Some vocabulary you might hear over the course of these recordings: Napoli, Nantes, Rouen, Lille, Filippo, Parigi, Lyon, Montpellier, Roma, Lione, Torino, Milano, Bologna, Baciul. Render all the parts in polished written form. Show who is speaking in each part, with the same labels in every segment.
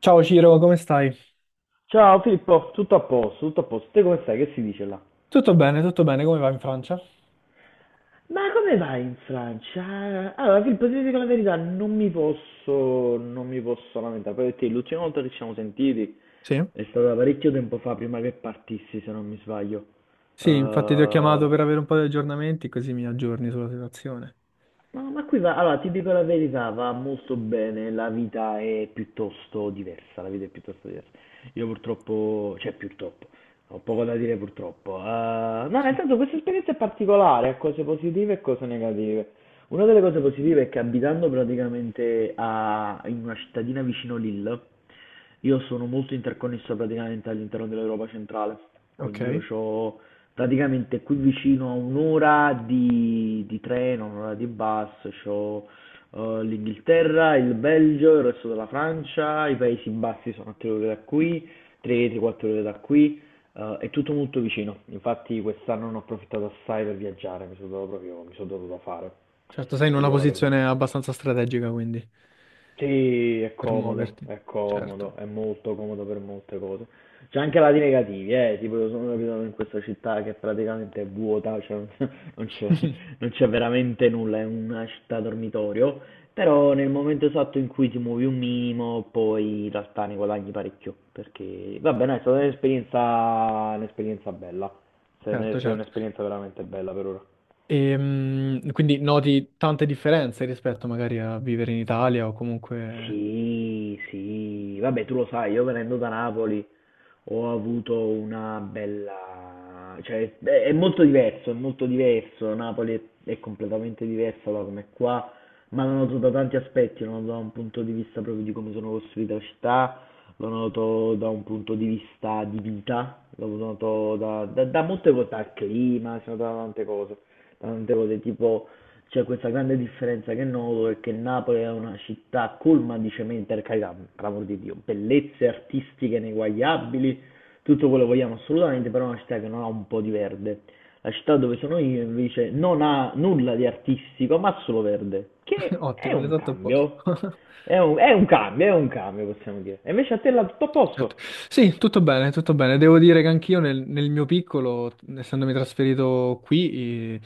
Speaker 1: Ciao Ciro, come stai?
Speaker 2: Ciao Filippo, tutto a posto, tutto a posto. Te come stai? Che si dice là?
Speaker 1: Tutto bene, come va in Francia?
Speaker 2: Ma come vai in Francia? Allora, Filippo, ti dico la verità, non mi posso lamentare, perché l'ultima volta che ci siamo sentiti
Speaker 1: Sì,
Speaker 2: è stata parecchio tempo fa, prima che partissi, se non mi sbaglio. Eh,
Speaker 1: sì, infatti ti ho chiamato per avere un po' di aggiornamenti, così mi aggiorni sulla situazione.
Speaker 2: ma qui va, allora, ti dico la verità, va molto bene, la vita è piuttosto diversa, la vita è piuttosto diversa. Io purtroppo, cioè purtroppo, ho poco da dire purtroppo. No, nel senso questa esperienza è particolare, ha cose positive e cose negative. Una delle cose positive è che abitando praticamente in una cittadina vicino Lille, io sono molto interconnesso praticamente all'interno dell'Europa centrale. Quindi io
Speaker 1: Ok.
Speaker 2: ho praticamente qui vicino a un'ora di treno, un'ora di bus, ho l'Inghilterra, il Belgio, il resto della Francia, i Paesi Bassi sono a 3 ore da qui, 3-4 ore da qui. È tutto molto vicino, infatti quest'anno ne ho approfittato assai per viaggiare, mi sono dato proprio, mi sono dato da fare,
Speaker 1: Certo, sei in
Speaker 2: ti
Speaker 1: una
Speaker 2: dico la verità.
Speaker 1: posizione abbastanza strategica, quindi,
Speaker 2: Sì, è
Speaker 1: per
Speaker 2: comodo,
Speaker 1: muoverti.
Speaker 2: è
Speaker 1: Certo.
Speaker 2: comodo, è molto comodo per molte cose. C'è anche lati negativi, tipo io sono capitato in questa città che praticamente è vuota, cioè non c'è non c'è veramente nulla, è una città dormitorio, però nel momento esatto in cui ti muovi un minimo, poi in realtà ne guadagni parecchio, perché va bene, è stata un'esperienza bella,
Speaker 1: Certo,
Speaker 2: se è
Speaker 1: certo.
Speaker 2: un'esperienza veramente bella per ora.
Speaker 1: Quindi noti tante differenze rispetto magari a vivere in Italia o comunque...
Speaker 2: Sì, sì, vabbè, tu lo sai, io venendo da Napoli ho avuto una bella... cioè è molto diverso, è molto diverso, Napoli è completamente diversa da come è qua, ma lo noto da tanti aspetti, lo noto da un punto di vista proprio di come sono costruita la città, lo noto da un punto di vista di vita, lo noto da molte cose, dal clima, sono da tante cose tipo... C'è questa grande differenza che noto è che Napoli è una città colma di cemento, per carità, per l'amor di Dio, bellezze artistiche ineguagliabili, tutto quello che vogliamo assolutamente, però è una città che non ha un po' di verde. La città dove sono io invece non ha nulla di artistico, ma solo verde, che è
Speaker 1: Ottimo,
Speaker 2: un
Speaker 1: l'esatto opposto.
Speaker 2: cambio. È un cambio, è un cambio, possiamo dire. E invece a te è tutto a
Speaker 1: Certo.
Speaker 2: posto.
Speaker 1: Sì, tutto bene, tutto bene. Devo dire che anch'io nel mio piccolo, essendomi trasferito qui, eh,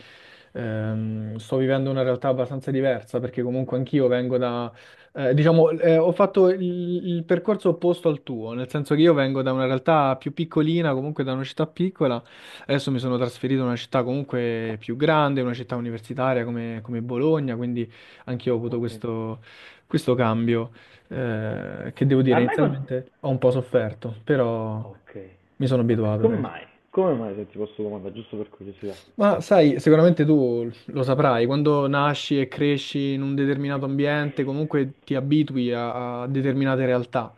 Speaker 1: sto vivendo una realtà abbastanza diversa perché comunque anch'io vengo da, diciamo, ho fatto il percorso opposto al tuo, nel senso che io vengo da una realtà più piccolina, comunque da una città piccola. Adesso mi sono trasferito in una città comunque più grande, una città universitaria come Bologna, quindi anch'io ho avuto
Speaker 2: Ok,
Speaker 1: questo cambio, che devo
Speaker 2: ok. Ma
Speaker 1: dire,
Speaker 2: ormai con...
Speaker 1: inizialmente ho un po' sofferto, però
Speaker 2: Ok,
Speaker 1: mi sono
Speaker 2: ok.
Speaker 1: abituato
Speaker 2: Come
Speaker 1: adesso.
Speaker 2: mai? Come mai se ti posso domandare, giusto per curiosità?
Speaker 1: Ma sai, sicuramente tu lo saprai, quando nasci e cresci in un determinato ambiente, comunque ti abitui a determinate realtà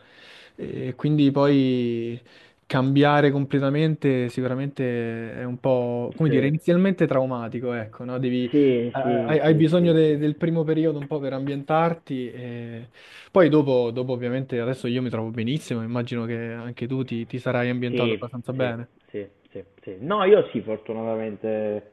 Speaker 1: e quindi poi cambiare completamente sicuramente è un po', come dire,
Speaker 2: Sì.
Speaker 1: inizialmente traumatico, ecco, no? Devi,
Speaker 2: Sì,
Speaker 1: hai,
Speaker 2: sì,
Speaker 1: hai
Speaker 2: sì, sì,
Speaker 1: bisogno
Speaker 2: sì,
Speaker 1: del
Speaker 2: sì.
Speaker 1: primo periodo un po' per ambientarti e poi dopo ovviamente adesso io mi trovo benissimo, immagino che anche tu ti sarai ambientato
Speaker 2: Sì,
Speaker 1: abbastanza
Speaker 2: sì,
Speaker 1: bene.
Speaker 2: sì, sì, sì. No, io sì, fortunatamente,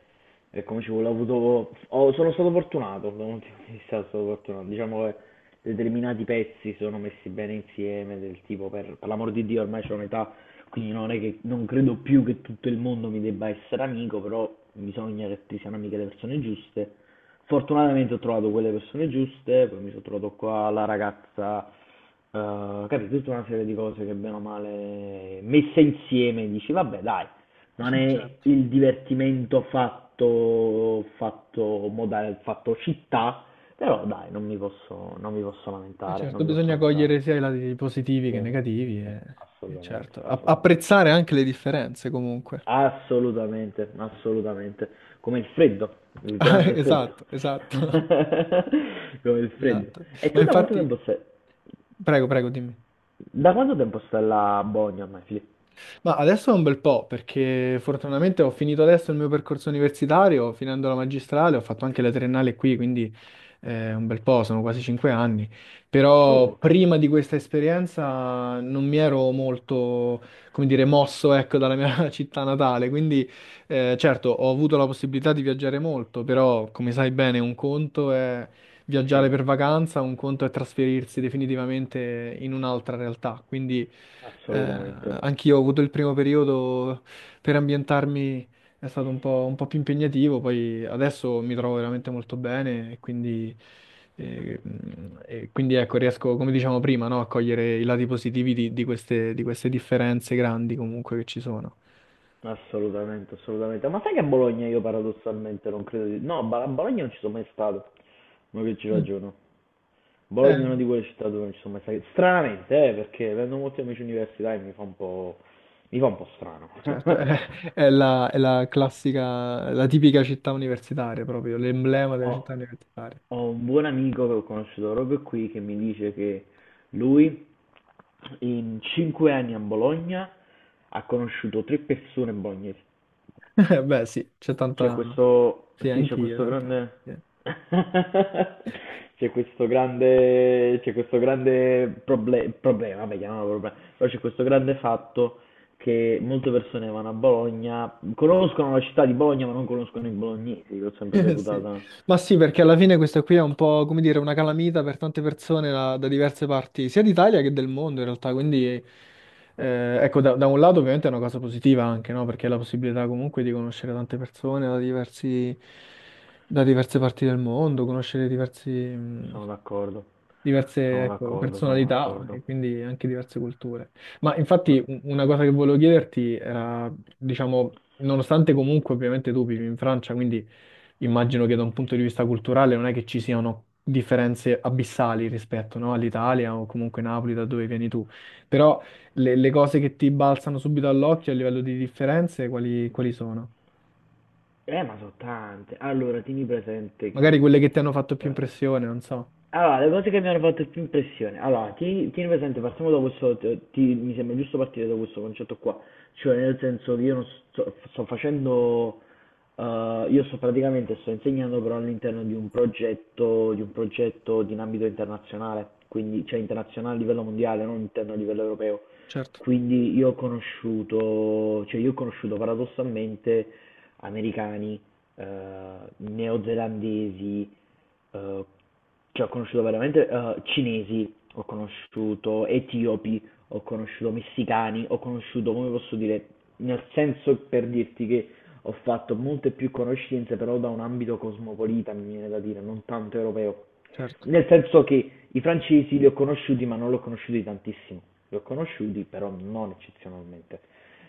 Speaker 2: come ci vuole, ho avuto, sono stato fortunato, da un punto di vista sono stato fortunato. Diciamo che determinati pezzi sono messi bene insieme, del tipo, per l'amor di Dio, ormai c'ho un'età, quindi non è che, non credo più che tutto il mondo mi debba essere amico, però bisogna che ti siano amiche le persone giuste. Fortunatamente ho trovato quelle persone giuste, poi mi sono trovato qua la ragazza. Capito? Tutta una serie di cose che bene o male messe insieme dici: "Vabbè dai, non è
Speaker 1: Certo.
Speaker 2: il divertimento fatto moda fatto città, però dai, non mi posso lamentare, non
Speaker 1: Certo,
Speaker 2: mi posso
Speaker 1: bisogna
Speaker 2: lamentare".
Speaker 1: cogliere sia i lati positivi
Speaker 2: Sì,
Speaker 1: che negativi
Speaker 2: sì,
Speaker 1: e
Speaker 2: assolutamente,
Speaker 1: certo,
Speaker 2: assolutamente.
Speaker 1: apprezzare anche le differenze comunque.
Speaker 2: Assolutamente, assolutamente. Come il freddo, il
Speaker 1: Ah,
Speaker 2: grande freddo.
Speaker 1: esatto, esatto,
Speaker 2: Come il freddo.
Speaker 1: esatto.
Speaker 2: E
Speaker 1: Ma
Speaker 2: tu da quanto
Speaker 1: infatti,
Speaker 2: tempo stai
Speaker 1: prego, prego, dimmi.
Speaker 2: da quanto tempo stai là a Bologna ormai, Fili?
Speaker 1: Ma adesso è un bel po', perché fortunatamente ho finito adesso il mio percorso universitario, finendo la magistrale, ho fatto anche la triennale qui, quindi un bel po', sono quasi 5 anni.
Speaker 2: Oh,
Speaker 1: Però
Speaker 2: ok.
Speaker 1: prima di questa esperienza non mi ero molto, come dire, mosso, ecco, dalla mia città natale, quindi certo ho avuto la possibilità di viaggiare molto, però come sai bene un conto è viaggiare
Speaker 2: Sì,
Speaker 1: per vacanza, un conto è trasferirsi definitivamente in un'altra realtà. Quindi
Speaker 2: assolutamente.
Speaker 1: anch'io ho avuto il primo periodo per ambientarmi, è stato un po' più impegnativo, poi adesso mi trovo veramente molto bene e e quindi ecco, riesco, come diciamo prima, no, a cogliere i lati positivi di queste differenze grandi comunque che ci sono.
Speaker 2: Assolutamente, assolutamente. Ma sai che a Bologna io paradossalmente non credo di... No, a Bologna non ci sono mai stato. Ma che ci
Speaker 1: Mm.
Speaker 2: ragiono.
Speaker 1: Eh,
Speaker 2: Bologna è una di quelle città dove non ci sono mai stato. Stranamente, perché avendo molti amici universitari mi fa un po'... mi fa un po' strano.
Speaker 1: certo, è è la classica, la tipica città universitaria proprio, l'emblema della
Speaker 2: Ho,
Speaker 1: città universitaria.
Speaker 2: ho un buon amico che ho conosciuto proprio qui che mi dice che lui in 5 anni a Bologna ha conosciuto tre persone bolognesi.
Speaker 1: Beh, sì, c'è
Speaker 2: C'è
Speaker 1: tanta...
Speaker 2: questo,
Speaker 1: Sì,
Speaker 2: sì, c'è
Speaker 1: anch'io in
Speaker 2: questo
Speaker 1: realtà.
Speaker 2: grande,
Speaker 1: Sì.
Speaker 2: c'è questo grande problema, vabbè, chiamiamolo problema, però c'è questo grande fatto che molte persone vanno a Bologna, conoscono la città di Bologna ma non conoscono i bolognesi, l'ho sempre
Speaker 1: Sì.
Speaker 2: reputata,
Speaker 1: Ma sì, perché alla fine questa qui è un po', come dire, una calamita per tante persone da diverse parti, sia d'Italia che del mondo in realtà, quindi ecco, da un lato ovviamente è una cosa positiva anche, no? Perché è la possibilità comunque di conoscere tante persone da diversi, da diverse parti del mondo, conoscere diversi...
Speaker 2: sono d'accordo,
Speaker 1: diverse,
Speaker 2: sono
Speaker 1: ecco,
Speaker 2: d'accordo, sono
Speaker 1: personalità
Speaker 2: d'accordo.
Speaker 1: e quindi anche diverse culture. Ma
Speaker 2: Ma,
Speaker 1: infatti una cosa che volevo chiederti era, diciamo, nonostante comunque ovviamente tu vivi in Francia, quindi immagino che da un punto di vista culturale non è che ci siano differenze abissali rispetto, no, all'Italia o comunque Napoli da dove vieni tu, però le cose che ti balzano subito all'occhio a livello di differenze, quali, quali sono?
Speaker 2: ma sono tante. Allora, tieni presente
Speaker 1: Magari
Speaker 2: che
Speaker 1: quelle che ti hanno fatto più
Speaker 2: eh,
Speaker 1: impressione, non so.
Speaker 2: allora, le cose che mi hanno fatto più impressione. Allora, tieni presente, partiamo da questo. Mi sembra giusto partire da questo concetto qua. Cioè, nel senso che io non sto facendo. Io sto praticamente sto insegnando però all'interno di un progetto di un ambito internazionale, quindi cioè internazionale a livello mondiale, non interno a livello europeo.
Speaker 1: Certo,
Speaker 2: Quindi io ho conosciuto, cioè io ho conosciuto paradossalmente americani, eh, neozelandesi, eh, cioè, ho conosciuto veramente cinesi, ho conosciuto etiopi, ho conosciuto messicani, ho conosciuto, come posso dire, nel senso per dirti che ho fatto molte più conoscenze, però da un ambito cosmopolita, mi viene da dire, non tanto europeo.
Speaker 1: certo.
Speaker 2: Nel senso che i francesi li ho conosciuti, ma non li ho conosciuti tantissimo. Li ho conosciuti, però non eccezionalmente.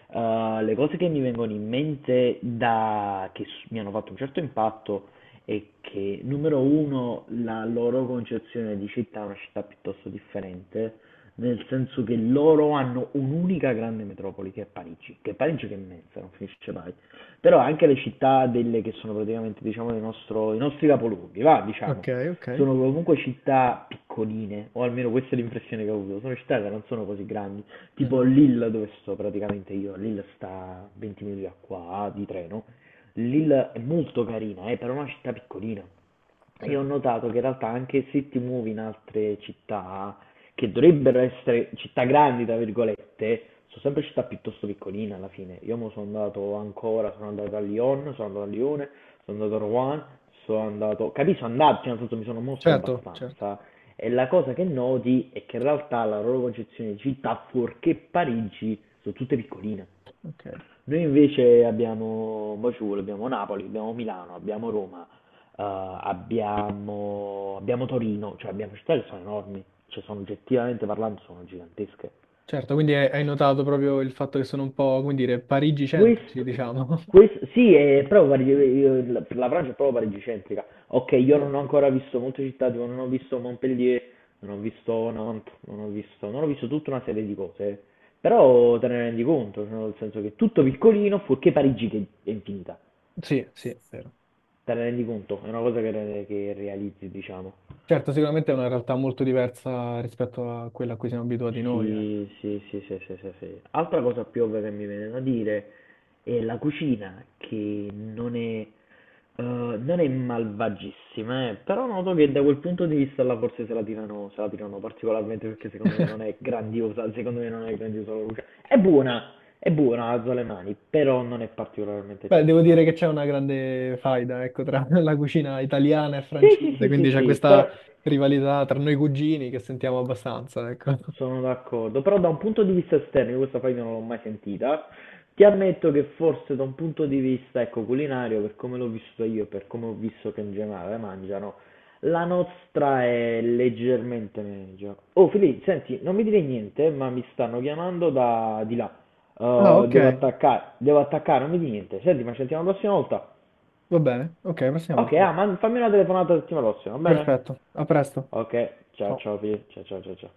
Speaker 2: Le cose che mi vengono in mente da... che mi hanno fatto un certo impatto è che, numero uno, la loro concezione di città è una città piuttosto differente, nel senso che loro hanno un'unica grande metropoli che è Parigi, che è Parigi che è immensa, non finisce mai. Però anche le città delle che sono praticamente, diciamo, i nostri capoluoghi, va, diciamo
Speaker 1: Ok, ok.
Speaker 2: sono comunque città piccoline, o almeno questa è l'impressione che ho avuto, sono città che non sono così grandi, tipo
Speaker 1: Mhm,
Speaker 2: Lille dove sto praticamente io, Lille sta a 20 minuti da qua di treno, Lille è molto carina, è però è una città piccolina,
Speaker 1: sì.
Speaker 2: e ho notato che in realtà anche se ti muovi in altre città, che dovrebbero essere città grandi, tra virgolette, sono sempre città piuttosto piccoline alla fine. Io mo sono andato ancora, sono andato a Lyon, sono andato a Lione, sono andato a Rouen, sono andato... Capisco, andarci, nel senso mi sono mosso
Speaker 1: Certo, certo,
Speaker 2: abbastanza. E la cosa che noti è che in realtà la loro concezione di città, fuorché Parigi, sono tutte piccoline.
Speaker 1: ok.
Speaker 2: Noi invece abbiamo Baciul, abbiamo Napoli, abbiamo Milano, abbiamo Roma, abbiamo Torino, cioè abbiamo città che sono enormi, cioè sono oggettivamente parlando sono gigantesche.
Speaker 1: Certo, quindi hai notato proprio il fatto che sono un po', come dire, parigi-centrici,
Speaker 2: Questo,
Speaker 1: diciamo.
Speaker 2: sì, è proprio Parigi, la Francia è proprio parigicentrica. Ok, io
Speaker 1: Sì,
Speaker 2: non ho ancora visto molte città, tipo non ho visto Montpellier, non ho visto Nantes, non ho visto tutta una serie di cose, eh. Però te ne rendi conto, cioè, nel senso che è tutto piccolino, fuorché Parigi che è infinita.
Speaker 1: sì, sì, è vero.
Speaker 2: Te ne rendi conto, è una cosa che, che realizzi, diciamo.
Speaker 1: Certo, sicuramente è una realtà molto diversa rispetto a quella a cui siamo abituati noi, ecco.
Speaker 2: Sì, sì, sì, sì, sì, sì, sì. Altra cosa più ovvia che mi viene da dire è la cucina, che non è malvagissima, però noto che da quel punto di vista là forse se la tirano, se la tirano particolarmente perché secondo me non è grandiosa, secondo me non è grandiosa la cucina. È buona, alzo le mani, però non è particolarmente
Speaker 1: Beh, devo dire
Speaker 2: eccezionale.
Speaker 1: che c'è una grande faida, ecco, tra la cucina italiana e
Speaker 2: Sì, sì,
Speaker 1: francese,
Speaker 2: sì,
Speaker 1: quindi
Speaker 2: sì,
Speaker 1: c'è
Speaker 2: sì, però
Speaker 1: questa rivalità tra noi cugini che sentiamo abbastanza, ecco.
Speaker 2: sono d'accordo, però da un punto di vista esterno, io questa frase non l'ho mai sentita, ti ammetto che forse da un punto di vista, ecco, culinario, per come l'ho vissuto io, e per come ho visto che in generale mangiano, la nostra è leggermente meglio. Oh, Fili, senti, non mi dire niente, ma mi stanno chiamando da di là.
Speaker 1: Ah, ok,
Speaker 2: Devo attaccare, devo attaccare, non mi dire niente. Senti, ma ci sentiamo la prossima volta.
Speaker 1: va bene. Ok, prossima
Speaker 2: Ok,
Speaker 1: volta,
Speaker 2: ah,
Speaker 1: dai.
Speaker 2: ma fammi una telefonata la settimana prossima, va bene?
Speaker 1: Perfetto, a presto.
Speaker 2: Ok, ciao
Speaker 1: Ciao.
Speaker 2: ciao Fili, ciao ciao ciao ciao.